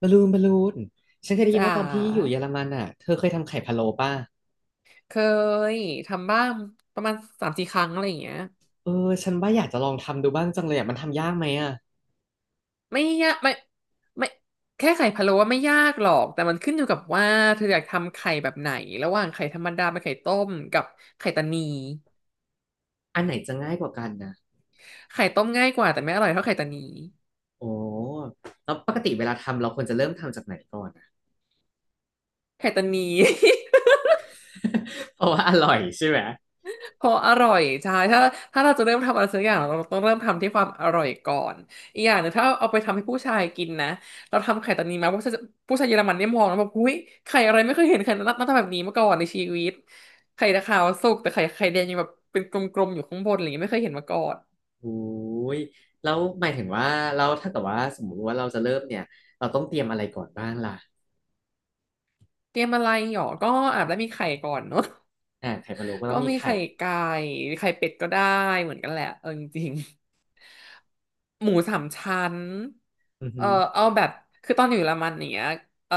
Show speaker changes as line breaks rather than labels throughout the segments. บอลลูนบอลลูนฉันเคยได้ยิ
จ๋
นว่าตอนที่อยู่
า
เยอรมันอ่ะเธอเคยทำไข่พะโล้ป่ะ
เคยทำบ้างประมาณสามสี่ครั้งอะไรอย่างเงี้ย
เออฉันว่าอยากจะลองทำดูบ้างจังเลยอ่ะมันทำยากไหมอ่ะ
ไม่ยากไม่ไม่แค่ไข่พะโล้ว่าไม่ยากหรอกแต่มันขึ้นอยู่กับว่าเธออยากทำไข่แบบไหนระหว่างไข่ธรรมดาเป็นไข่ต้มกับไข่ตานี
อันไหนจะง่ายกว่ากันนะ
ไข่ต้มง่ายกว่าแต่ไม่อร่อยเท่าไข่ตานี
โอ้แล้วปกติเวลาทำเราควรจะเริ่มทำจากไหนก่อนอะ
ไข่ตานี
เพราะว่าอร่อยใช่ไหม
ออร่อยใช่ถ้าเราจะเริ่มทำอะไรสักอย่างเราต้องเริ่มทำที่ความอร่อยก่อนอีกอย่างหนึงถ้าเอาไปทำให้ผู้ชายกินนะเราทำไข่ตอนนี้มาผู้ชายเยอรมันเนี่ยมองแล้วแบบหุ้ยไข่อะไรไม่เคยเห็นไข่หน้าตาแบบนี้มาก่อนในชีวิตไข่ตะขาวสุกแต่ไข่แดงยังแบบเป็นกลมๆอยู่ข้างบนอะไรอย่างเงี้ยไม่เคยเห็นมาก่อน
โอ้ยแล้วหมายถึงว่าเราถ้าเกิดว่าสมมติว่าเราจะเริ่มเนี่ยเราต้องเตรียมอะไรก่อนบ้างล่ะ
เตรียมอะไรหรอก็อาจจะมีไข่ก่อนเนาะ
อ่าไข่พะโล้ก็ต้
ก็
องมี
มี
ไข่
ไข่ไก่ไข่เป็ดก็ได้เหมือนกันแหละอจริงๆหมูสามชั้น
อือ
เอ
ฮึ
อเอาแบบคือตอนอยู่เยอรมันงเนี้ยเออ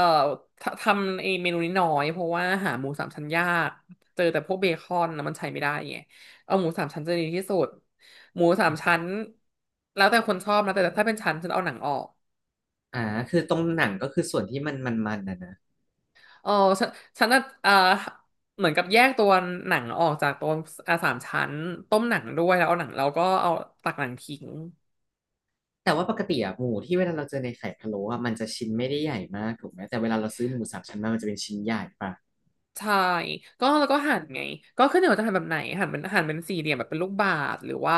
ททำไอ้เมนูนี้น้อยเพราะว่าหาหมูสามชั้นยากเจอแต่พวกเบคอนนะมันใช้ไม่ได้ไงเอาหมูสามชั้นจะดีที่สุดหมูสามชั้นแล้วแต่คนชอบนะแต่ถ้าเป็นชั้นฉันเอาหนังออก
อ่าคือตรงหนังก็คือส่วนที่มันนะนะ
เออฉันฉันน่ะเออเหมือนกับแยกตัวหนังออกจากตัวสามชั้นต้มหนังด้วยแล้วเอาหนังแล้วก็เอาตักหนังทิ้ง
แต่ว่าปกติอะหมูที่เวลาเราเจอในไข่พะโล้อะมันจะชิ้นไม่ได้ใหญ่มากถูกไหมแต่เวลาเราซื้อหมูสามชั้นมามันจะเป็นชิ้นใหญ่ป่ะ
ใช่ก็แล้วก็หั่นไงก็ขึ้นอยู่ว่าจะหั่นแบบไหนหั่นเป็นสี่เหลี่ยมแบบเป็นลูกบาศก์หรือว่า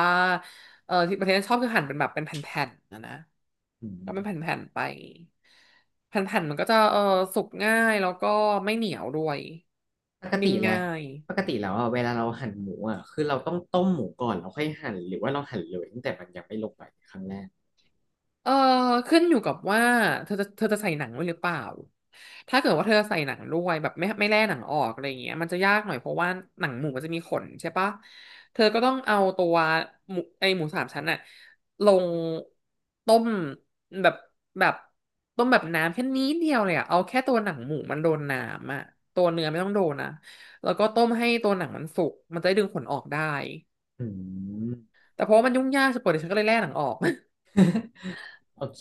เออที่ประเทศชอบคือหั่นเป็นแบบเป็นแผ่นๆนะ
อื
ก็เป็น
ม
แผ่นๆไปแผ่นๆมันก็จะสุกง่ายแล้วก็ไม่เหนียวด้วย
ปกติ
นิ่ม
แล้ว
ง่าย
ปกติแล้วอะเวลาเราหั่นหมูอะคือเราต้องต้มหมูก่อนแล้วค่อยหั่นหรือว่าเราหั่นเลยตั้งแต่มันยังไม่ลงไปครั้งแรก
เออขึ้นอยู่กับว่าเธอจะใส่หนังด้วยหรือเปล่าถ้าเกิดว่าเธอใส่หนังด้วยแบบไม่แล่หนังออกอะไรอย่างเงี้ยมันจะยากหน่อยเพราะว่าหนังหมูมันจะมีขนใช่ปะเธอก็ต้องเอาตัวหมูหมูสามชั้นอะลงต้มแบบแบบต้มแบบน้ำแค่นี้เดียวเลยอะเอาแค่ตัวหนังหมูมันโดนน้ำอะตัวเนื้อไม่ต้องโดนนะแล้วก็ต้มให้ตัวหนังมันสุกมันจะได้ดึงขนออกได้
อืม
แต่เพราะว่ามันยุ่งยากสปอยเดี๋ยวฉันก็เลยแล่หนังออก
โอเค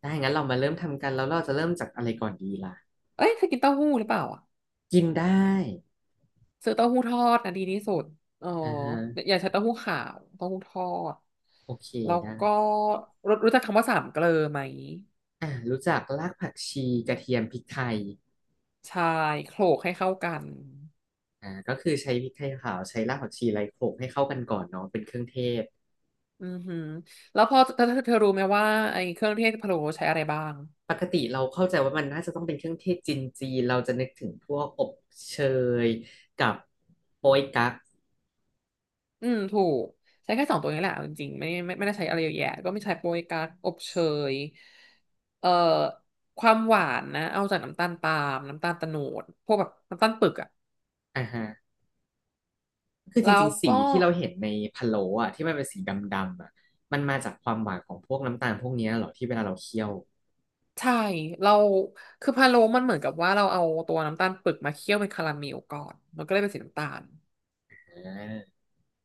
ได้งั้นเรามาเริ่มทำกันแล้วเราจะเริ่มจากอะไรก่อนดีล่ะ
เอ้ยเธอกินเต้าหู้หรือเปล่าอะ
กินได้
ซื้อเต้าหู้ทอดนะดีที่สุดเออ
อ่าฮะ
อย่าใช้เต้าหู้ขาวเต้าหู้ทอด
โอเค
แล้ว
ได้
ก็รู้จักคำว่าสามเกลอไหม
อ่ะรู้จักรากผักชีกระเทียมพริกไทย
ใช่โขลกให้เข้ากัน
อ่าก็คือใช้พริกไทยขาวใช้รากผักชีไลโขกให้เข้ากันก่อนเนาะเป็นเครื่องเทศ
อือหือแล้วพอเธอรู้ไหมว่าไอ้เครื่องเทศพะโล้ใช้อะไรบ้าง
ปกติเราเข้าใจว่ามันน่าจะต้องเป็นเครื่องเทศจีนจีนเราจะนึกถึงพวกอบเชยกับโป๊ยกั๊ก
อืมถูกใช้แค่สองตัวนี้แหละเอาจริงๆไม่ได้ใช้อะไรเยอะแยะก็ไม่ใช้โป๊ยกั๊กอบเชยเอ่อความหวานนะเอาจากน้ำตาลปาล์มน้ำตาลโตนดพวกแบบน้ำตาลปึกอะ
อ่าฮะคือจ
แล้ว
ริงๆสี
ก็
ที่เราเห็นในพะโล้อะที่มันเป็นสีดำๆอะมันมาจากความหวานของพวกน้ำตาลพวกเนี้ยเหรอที่เวลาเราเคี่ยว
ใช่เราคือพะโล้มันเหมือนกับว่าเราเอาตัวน้ำตาลปึกมาเคี่ยวเป็นคาราเมลก่อนมันก็เลยเป็นสีน้ำตาล
อ่า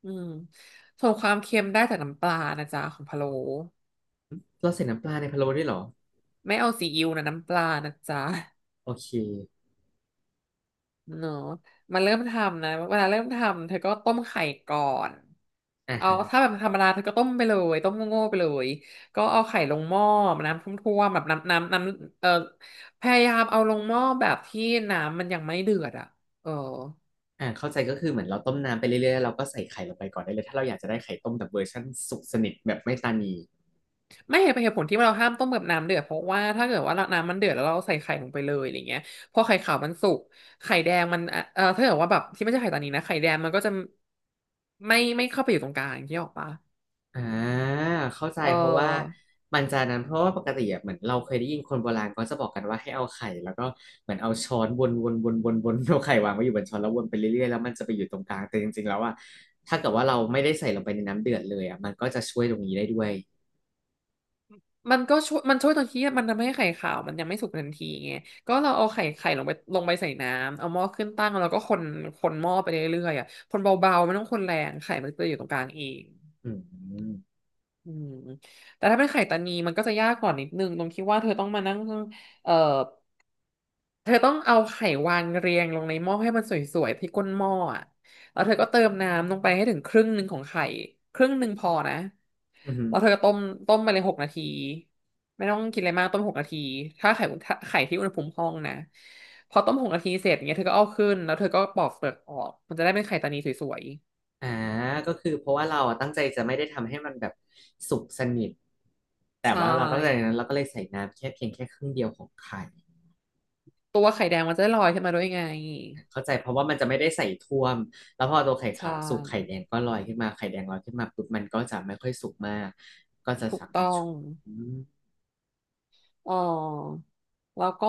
อืมส่วนความเค็มได้จากน้ำปลานะจ๊ะของพะโล้
เราใส่น้ำปลาในพะโล้ด้วยเหรอ
ไม่เอาซีอิ๊วนะน้ำปลานะจ๊ะ
โอเค
เนาะมาเริ่มทำนะเวลาเริ่มทำเธอก็ต้มไข่ก่อน
อ่า
เอา
ฮะ
ถ้าแบบธรรมดาเธอก็ต้มไปเลยต้มโง่ๆไปเลยก็เอาไข่ลงหม้อน้ำท่วมๆแบบน้ำพยายามเอาลงหม้อแบบที่น้ำมันยังไม่เดือดอ่ะเออ
อ่าเข้าใจก็คือเหมือนเราต้มน้ำไปเรื่อยๆแล้วเราก็ใส่ไข่ลงไปก่อนได้เลยถ้าเราอยากจะได้ไข่ต้มแบบเวอร์ชันสุกสนิทแบบไม่ตานี
ไม่เห็นเป็นเหตุผลที่เราห้ามต้มกับน้ำเดือดเพราะว่าถ้าเกิดว่าน้ำมันเดือดแล้วเราใส่ไข่ลงไปเลยอะไรเงี้ยพอไข่ขาวมันสุกไข่แดงมันถ้าเกิดว่าแบบที่ไม่ใช่ไข่ตอนนี้นะไข่แดงมันก็จะไม่เข้าไปอยู่ตรงกลางที่ออกปะ
อ่าเข้าใจ
เ
เพราะว่า
ออ
มันจะนั้นเพราะว่าปกติอะเหมือนเราเคยได้ยินคนโบราณเขาจะบอกกันว่าให้เอาไข่แล้วก็เหมือนเอาช้อนวนเอาไข่วางไว้อยู่บนช้อนแล้ววนไปเรื่อยๆแล้วมันจะไปอยู่ตรงกลางแต่จริงๆแล้วอ่ะถ้าเกิดว่าเราไม่ได้ใส่ลงไปในน้ำเดือดเลยอ่ะมันก็จะช่วยตรงนี้ได้ด้วย
มันก็ช่วยมันช่วยตรงที่มันทำให้ไข่ขาวมันยังไม่สุกทันทีไงก็เราเอาไข่ลงไปใส่น้ำเอาหม้อขึ้นตั้งแล้วก็คนหม้อไปเรื่อยๆอ่ะคนเบาๆไม่ต้องคนแรงไข่มันจะอยู่ตรงกลางเอง
อืม
อืมแต่ถ้าเป็นไข่ตานีมันก็จะยากกว่านิดนึงตรงที่ว่าเธอต้องมานั่งเอ่อเธอต้องเอาไข่วางเรียงลงในหม้อให้มันสวยๆที่ก้นหม้ออะแล้วเธอก็เติมน้ำลงไปให้ถึงครึ่งหนึ่งของไข่ครึ่งหนึ่งพอนะ
อืมอหือ
แล้วเธอก็ต้มไปเลยหกนาทีไม่ต้องกินอะไรมากต้มหกนาทีถ้าไข่ที่อุณหภูมิห้องนะพอต้มหกนาทีเสร็จเงี้ยเธอก็เอาขึ้นแล้วเธอก็ปอกเปลือกออกมันจะได้เป็นไข่ตานีสวย
อ่าก็คือเพราะว่าเราอะตั้งใจจะไม่ได้ทำให้มันแบบสุกสนิทแต่
ๆใช
ว่าเราตั้งใจ
่
นั้นเราก็เลยใส่น้ำแค่เพียงแค่ครึ่งเดียวของไข่
ตัวไข่แดงมันจะได้ลอยขึ้นมาด้วยไง
เข้าใจเพราะว่ามันจะไม่ได้ใส่ท่วมแล้วพอตัวไข่
ใช่
ขาวสุกไข่แดงก็ลอยขึ้นมาไข่แดงลอยขึ้นมาปุ๊บมันก็จะไม่ค่อยสุกมากก็จะ
ถูก
สามา
ต้
รถ
อ
ชุ
ง
บอม
อ๋อแล้วก็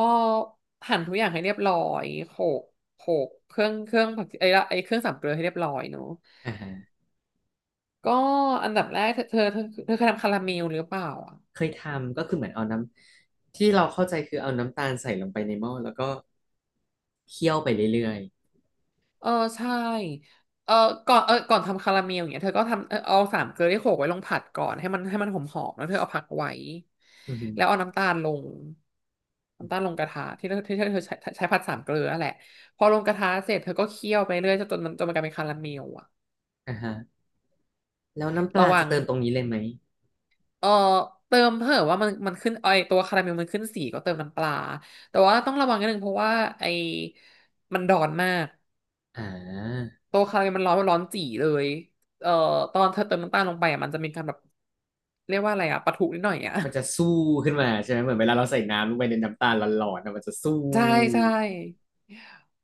หั่นทุกอย่างให้เรียบร้อยโขลกโขลกเครื่องผักไอ้ละไอ้เครื่องสามเกลือให้เรียบร้อยเนอะ
อ่าฮะ
ก็อันดับแรกเธอเคยทำคาราเมลหรือเปล่าอ่ะ
เคยทำก็คือเหมือนเอาน้ำที่เราเข้าใจคือเอาน้ำตาลใส่ลงไปในหม้อแล้วก็เคี่ยวไปเรื่อย
เออใช่เออก่อนทำคาราเมลอย่างเงี้ยเธอก็ทำเอาสามเกลือที่โขลกไว้ลงผัดก่อนให้มันหอมๆแล้วเธอเอาผักไว้
ๆอือฮึ
แล้วเอาน้ำตาลลงน้ำตาลลงกระทะที่เธอใช้ผัดสามเกลือนั่นแหละพอลงกระทะเสร็จเธอก็เคี่ยวไปเรื่อยจนมันกลายเป็นคาราเมลอะ
อ่าฮะแล้วน้ำป
ระ
ลา
วั
จะ
ง
เติมตรงนี้เลยไหม
เออเติมเถอว่ามันขึ้นไอตัวคาราเมลมันขึ้นสีก็เติมน้ำปลาแต่ว่าต้องระวังนิดนึงเพราะว่าไอมันดอนมาก
อ่า
ตัวคาราเมลมันร้อนจี่เลยเอ่อตอนเธอเติมน้ำตาลลงไปอ่ะมันจะมีการแบบเรียกว่าอะไรอ่ะปะทุนิดหน่อยอ่ะ
มันจะสู้ขึ้นมาใช่ไหมเหมือนเวลาเราใส่น้ำลงไปในน้ำตาลหลอนๆนะมันจะสู้
ใช่ใช่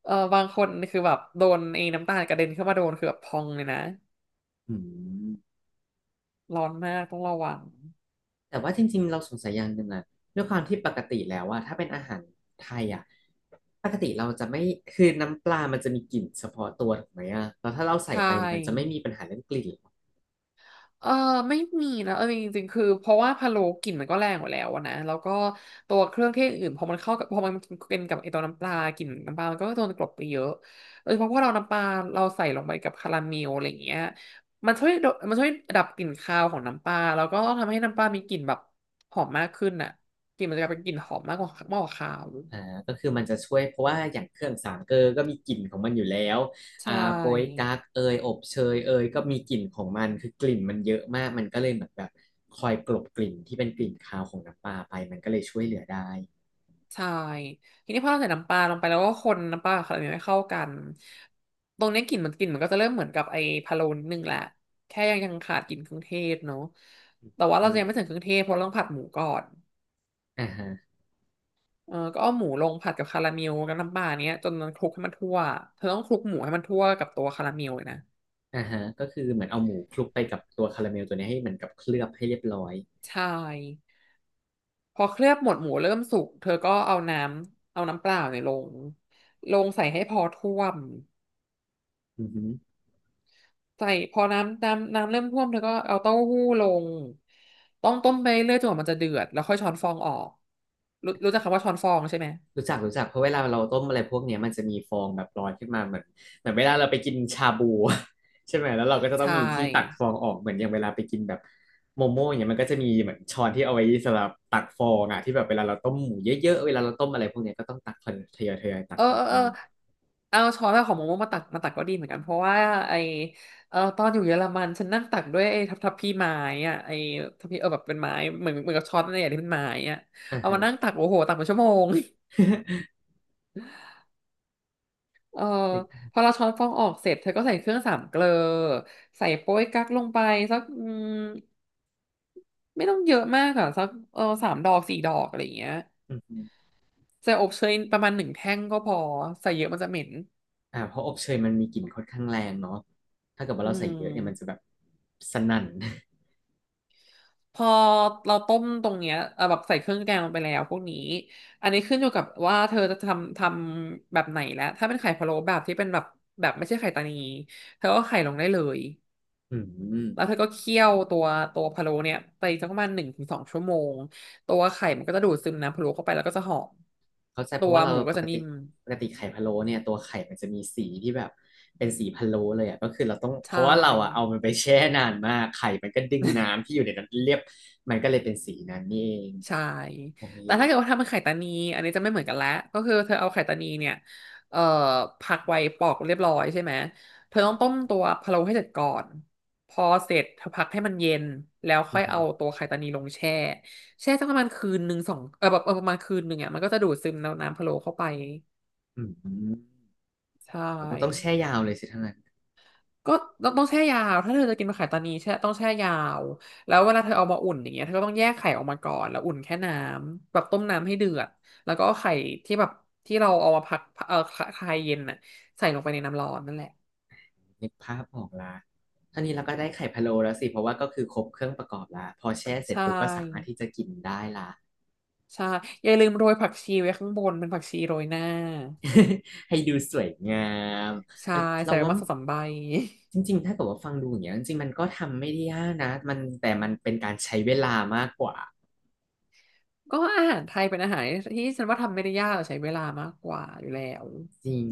บางคนคือแบบโดนไอ้น้ำตาลกระเด็นเข้ามาโดนคือแบบพองเลยนะ
อืม
ร้อนมากต้องระวัง
แต่ว่าจริงๆเราสงสัยอย่างหนึ่งอะด้วยความที่ปกติแล้วว่าถ้าเป็นอาหารไทยอะปกติเราจะไม่คือน้ำปลามันจะมีกลิ่นเฉพาะตัวถูกไหมอะแล้วถ้าเรา
ใช
ใส่ไปมันจะไม่
่
มีปัญหาเรื่องกลิ่นหรอ
เออไม่มีนะเออจริงๆคือเพราะว่าพะโล้กลิ่นมันก็แรงอยู่แล้วอะนะแล้วก็ตัวเครื่องเทศอื่นพอมันเป็นกับไอตัวน้ำปลากลิ่นน้ำปลามันก็โดนกลบไปเยอะโดยเฉพาะพอเราน้ำปลาเราใส่ลงไปกับคาราเมลอะไรอย่างเงี้ยมันช่วยดับกลิ่นคาวของน้ำปลาแล้วก็ทำให้น้ำปลามีกลิ่นแบบหอมมากขึ้นน่ะกลิ่นมันจะกลายเป็นกลิ่นหอมมากกว่าคาว
อ่าก็คือมันจะช่วยเพราะว่าอย่างเครื่องสามเกลอก็มีกลิ่นของมันอยู่แล้วอ่า
ใช่
โป๊ยกั๊กเอยอบเชยเอยก็มีกลิ่นของมันคือกลิ่นมันเยอะมากมันก็เลยเหมือนแบบคอยกลบกลิ่นที่เป็นกลิ่นคาวของน้ำปลาไปมันก็เลยช่วยเหลือได้
ใช่ทีนี้พอเราใส่น้ำปลาลงไปแล้วก็คนน้ำปลาขนาดนี้ไม่เข้ากันตรงเนี้ยกลิ่นมันก็จะเริ่มเหมือนกับไอ้พะโล้นิดนึงแหละแค่ยังขาดกลิ่นเครื่องเทศเนาะแต่ว่าเรา
อื
จะยังไม่
ม
ถึงเครื่องเทศเพราะเราต้องผัดหมูก่อน
อ่าฮะ
เออก็เอาหมูลงผัดกับคาราเมลกับน้ำปลาเนี้ยจนมันคลุกให้มันทั่วเธอต้องคลุกหมูให้มันทั่วกับตัวคาราเมลเลยนะ
อ่าฮะก็คือเหมือนเอาหมูคลุกไปกับตัวคาราเมลตัวเนี้ยให้เหมือนกับเคลือบให้เรียบร้อย
ใช่พอเคลือบหมดหมูเริ่มสุกเธอก็เอาน้ำเปล่าเนี่ยลงใส่ให้พอท่วม
อือฮึ
ใส่พอน้ำเริ่มท่วมเธอก็เอาเต้าหู้ลงต้องต้มไปเรื่อยจนกว่ามันจะเดือดแล้วค่อยช้อนฟองออกรู้จักคำว่าช้อนฟองใช่ไหม
รู้จักเพราะเวลาเราต้มอะไรพวกเนี้ยมันจะมีฟองแบบลอยขึ้นมาเหมือนเวลาเราไปกินชาบู ใช่ไหมแล้วเราก็จะ
ใช
ต้องมีที่ตักฟ
่
องออกเหมือนอย่างเวลาไปกินแบบโมโม่อย่างเงี้ยมันก็จะมีเหมือนช้อนที่เอาไว้สำหรับตักฟองอ่ะที่แบบเวลาเราต้มหมูเยอะๆเวลาเราต้มอะไรพวกเนี้ยก็ต้องตักทยอยตั
เอ
ก
อ
ออ
เอ
ก
อเออ
บ้าง
เอาช้อนของโมโมมามาตักก็ดีเหมือนกันเพราะว่าไอเออตอนอยู่เยอรมันฉันนั่งตักด้วยไอ้ทับพี่ไม้อะไอ้ทับพี่เออแบบเป็นไม้เหมือนกับช้อนอะไรอย่างที่เป็นไม้อะ
อ่า
เอา
ฮะ
มานั่งตักโอ้โหตักเป็นชั่วโมง เออพอเราช้อนฟองออกเสร็จเธอก็ใส่เครื่องสามเกลอใส่โป๊ยกั๊กลงไปสักไม่ต้องเยอะมากอ่ะสักสามดอกสี่ดอกอะไรอย่างเงี้ย ใส่อบเชยประมาณหนึ่งแท่งก็พอใส่เยอะมันจะเหม็น
อ่าเพราะอบเชยมันมีกลิ่นค่อนข้างแรงเนาะถ้าเกิดว่า
อื
เราใส่เยอะเนี่ยมันจะ
ม
แบบสนั่น
พอเราต้มตรงเนี้ยแบบใส่เครื่องแกงลงไปแล้วพวกนี้อันนี้ขึ้นอยู่กับว่าเธอจะทำแบบไหนแล้วถ้าเป็นไข่พะโล้แบบที่เป็นแบบแบบไม่ใช่ไข่ตานีเธอก็ไข่ลงได้เลย
อื
แล้วเธ
ม
อก็เคี่ยวตัวพะโล้เนี่ยไปสักประมาณ1 ถึง 2 ชั่วโมงตัวไข่มันก็จะดูดซึมน้ำพะโล้เข้าไปแล้วก็จะหอม
เข้าใจเพ
ตั
ราะ
ว
ว่าเรา
หมูก็
ป
จะ
ก
นิ่
ติ
ม
ปกติไข่พะโล้เนี่ยตัวไข่มันจะมีสีที่แบบเป็นสีพะโล้เลยอ่ะก็คือเราต้องเพ
ใช่
ราะว่าเราอ่ะเอามันไปแช่นานมากไข่มันก็ดึงน้ำที่อยู่ในนั้นเรียบมันก็เลยเป็นสีนั้นนี่เอง
ใช่
โอ้ย
แต่ถ้าเกิดว่าทำเป็นไข่ตานีอันนี้จะไม่เหมือนกันแล้ว ก็คือเธอเอาไข่ตานีเนี่ย เอ่อ พักไว้ปอกเรียบร้อยใช่ไหม เธอต้องต้มตัวพะโล้ให้เสร็จก่อน พอเสร็จเธอพักให้มันเย็น แล้ว
อื
ค่
ม
อ
อ
ย
หื
เอา
อ
ตัวไข่ตานีลงแช่ แช่สักประมาณคืนหนึ่งสองเออแบบเออประมาณคืนหนึ่งอ่ะมันก็จะดูดซึมน้ำพะโล้เข้าไป
อืม
ใช
ผมก็ต้อง
่
แช่ยาวเลยสิทั้างนั้น
ก็ต้องแช่ยาวถ้าเธอจะกินมะขามตานีแช่ต้องแช่ยาวแล้วเวลาเธอเอามาอุ่นอย่างเงี้ยเธอก็ต้องแยกไข่ออกมาก่อนแล้วอุ่นแค่น้ำแบบต้มน้ำให้เดือดแล้วก็เอาไข่ที่แบบที่เราเอามาพักเอ่อคลายเย็นน่ะใส่ลงไปในน้ำร้อนนั่นแหละ
นึกภาพออกละเท่านี้เราก็ได้ไข่พะโล้แล้วสิ เพราะว่าก็คือครบเครื่องประกอบละพอแช่เสร็
ใช
จปุ๊บก็สามารถ
่
ที่จะกินได้ละ
ใช่อย่าลืมโรยผักชีไว้ข้างบนเป็นผักชีโรยหน้า
ให้ดูสวยงามเอ
ใช่
อ
ใส่
เรา
ไป
ว่า
มาสองสามใบ
จริงๆถ้าเกิดว่าฟังดูอย่างเงี้ยจริงๆมันก็ทำไม่ได้ยากนะมันแต่มันเป็นการใช้เวลามากกว่า
ก็อาหารไทยเป็นอาหารที่ฉันว่าทำไม่ได้ยากแต่ใช้เวลามากกว่าอยู่แล้ว
จริง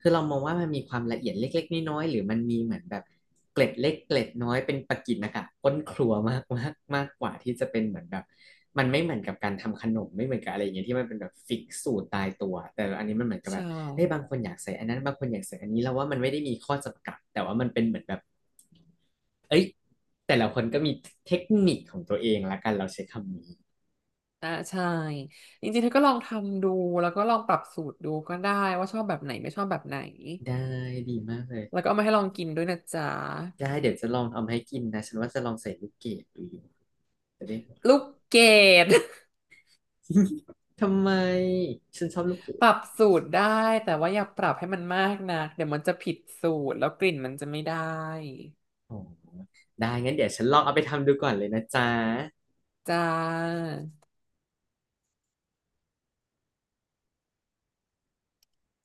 คือเรามองว่ามันมีความละเอียดเล็กๆน้อยๆหรือมันมีเหมือนแบบเกล็ดเล็กเกล็ดน้อยเป็นประกิณนะคะก้นครัวมากมากมากกว่าที่จะเป็นเหมือนแบบมันไม่เหมือนกับการทำขนมไม่เหมือนกับอะไรอย่างเงี้ยที่มันเป็นแบบฟิกสูตรตายตัวแต่อันนี้มันเหมือนกับแบ
ใช่
บเอ้ยบางคนอยากใส่อันนั้นบางคนอยากใส่อันนี้เราว่ามันไม่ได้มีข้อจำกัดแต่ว่ามันเป็นเหมือนแบบเอ้ยแต่ละคนก็มีเทคนิคของตัวเองละกันเราใช้คำนี้
อ่าใช่จริงๆเธอก็ลองทำดูแล้วก็ลองปรับสูตรดูก็ได้ว่าชอบแบบไหนไม่ชอบแบบไหน
ได้ดีมากเลย
แล้วก็เอามาให้ลองกินด้วยนะจ๊ะ
ได้เดี๋ยวจะลองทำให้กินนะฉันว่าจะลองใส่ลูกเกดดูอยู่จะได้
ลูกเกด
ทำไมฉันชอบลูกเก
ป
ด
รับสูตรได้แต่ว่าอย่าปรับให้มันมากนะเดี๋ยวมันจะผิดสูตรแล้วกลิ่นมันจะไม่ได้
อ๋อได้งั้นเดี๋ยวฉันลองเอาไปทำดูก่อนเลยนะจ๊ะ
จ้า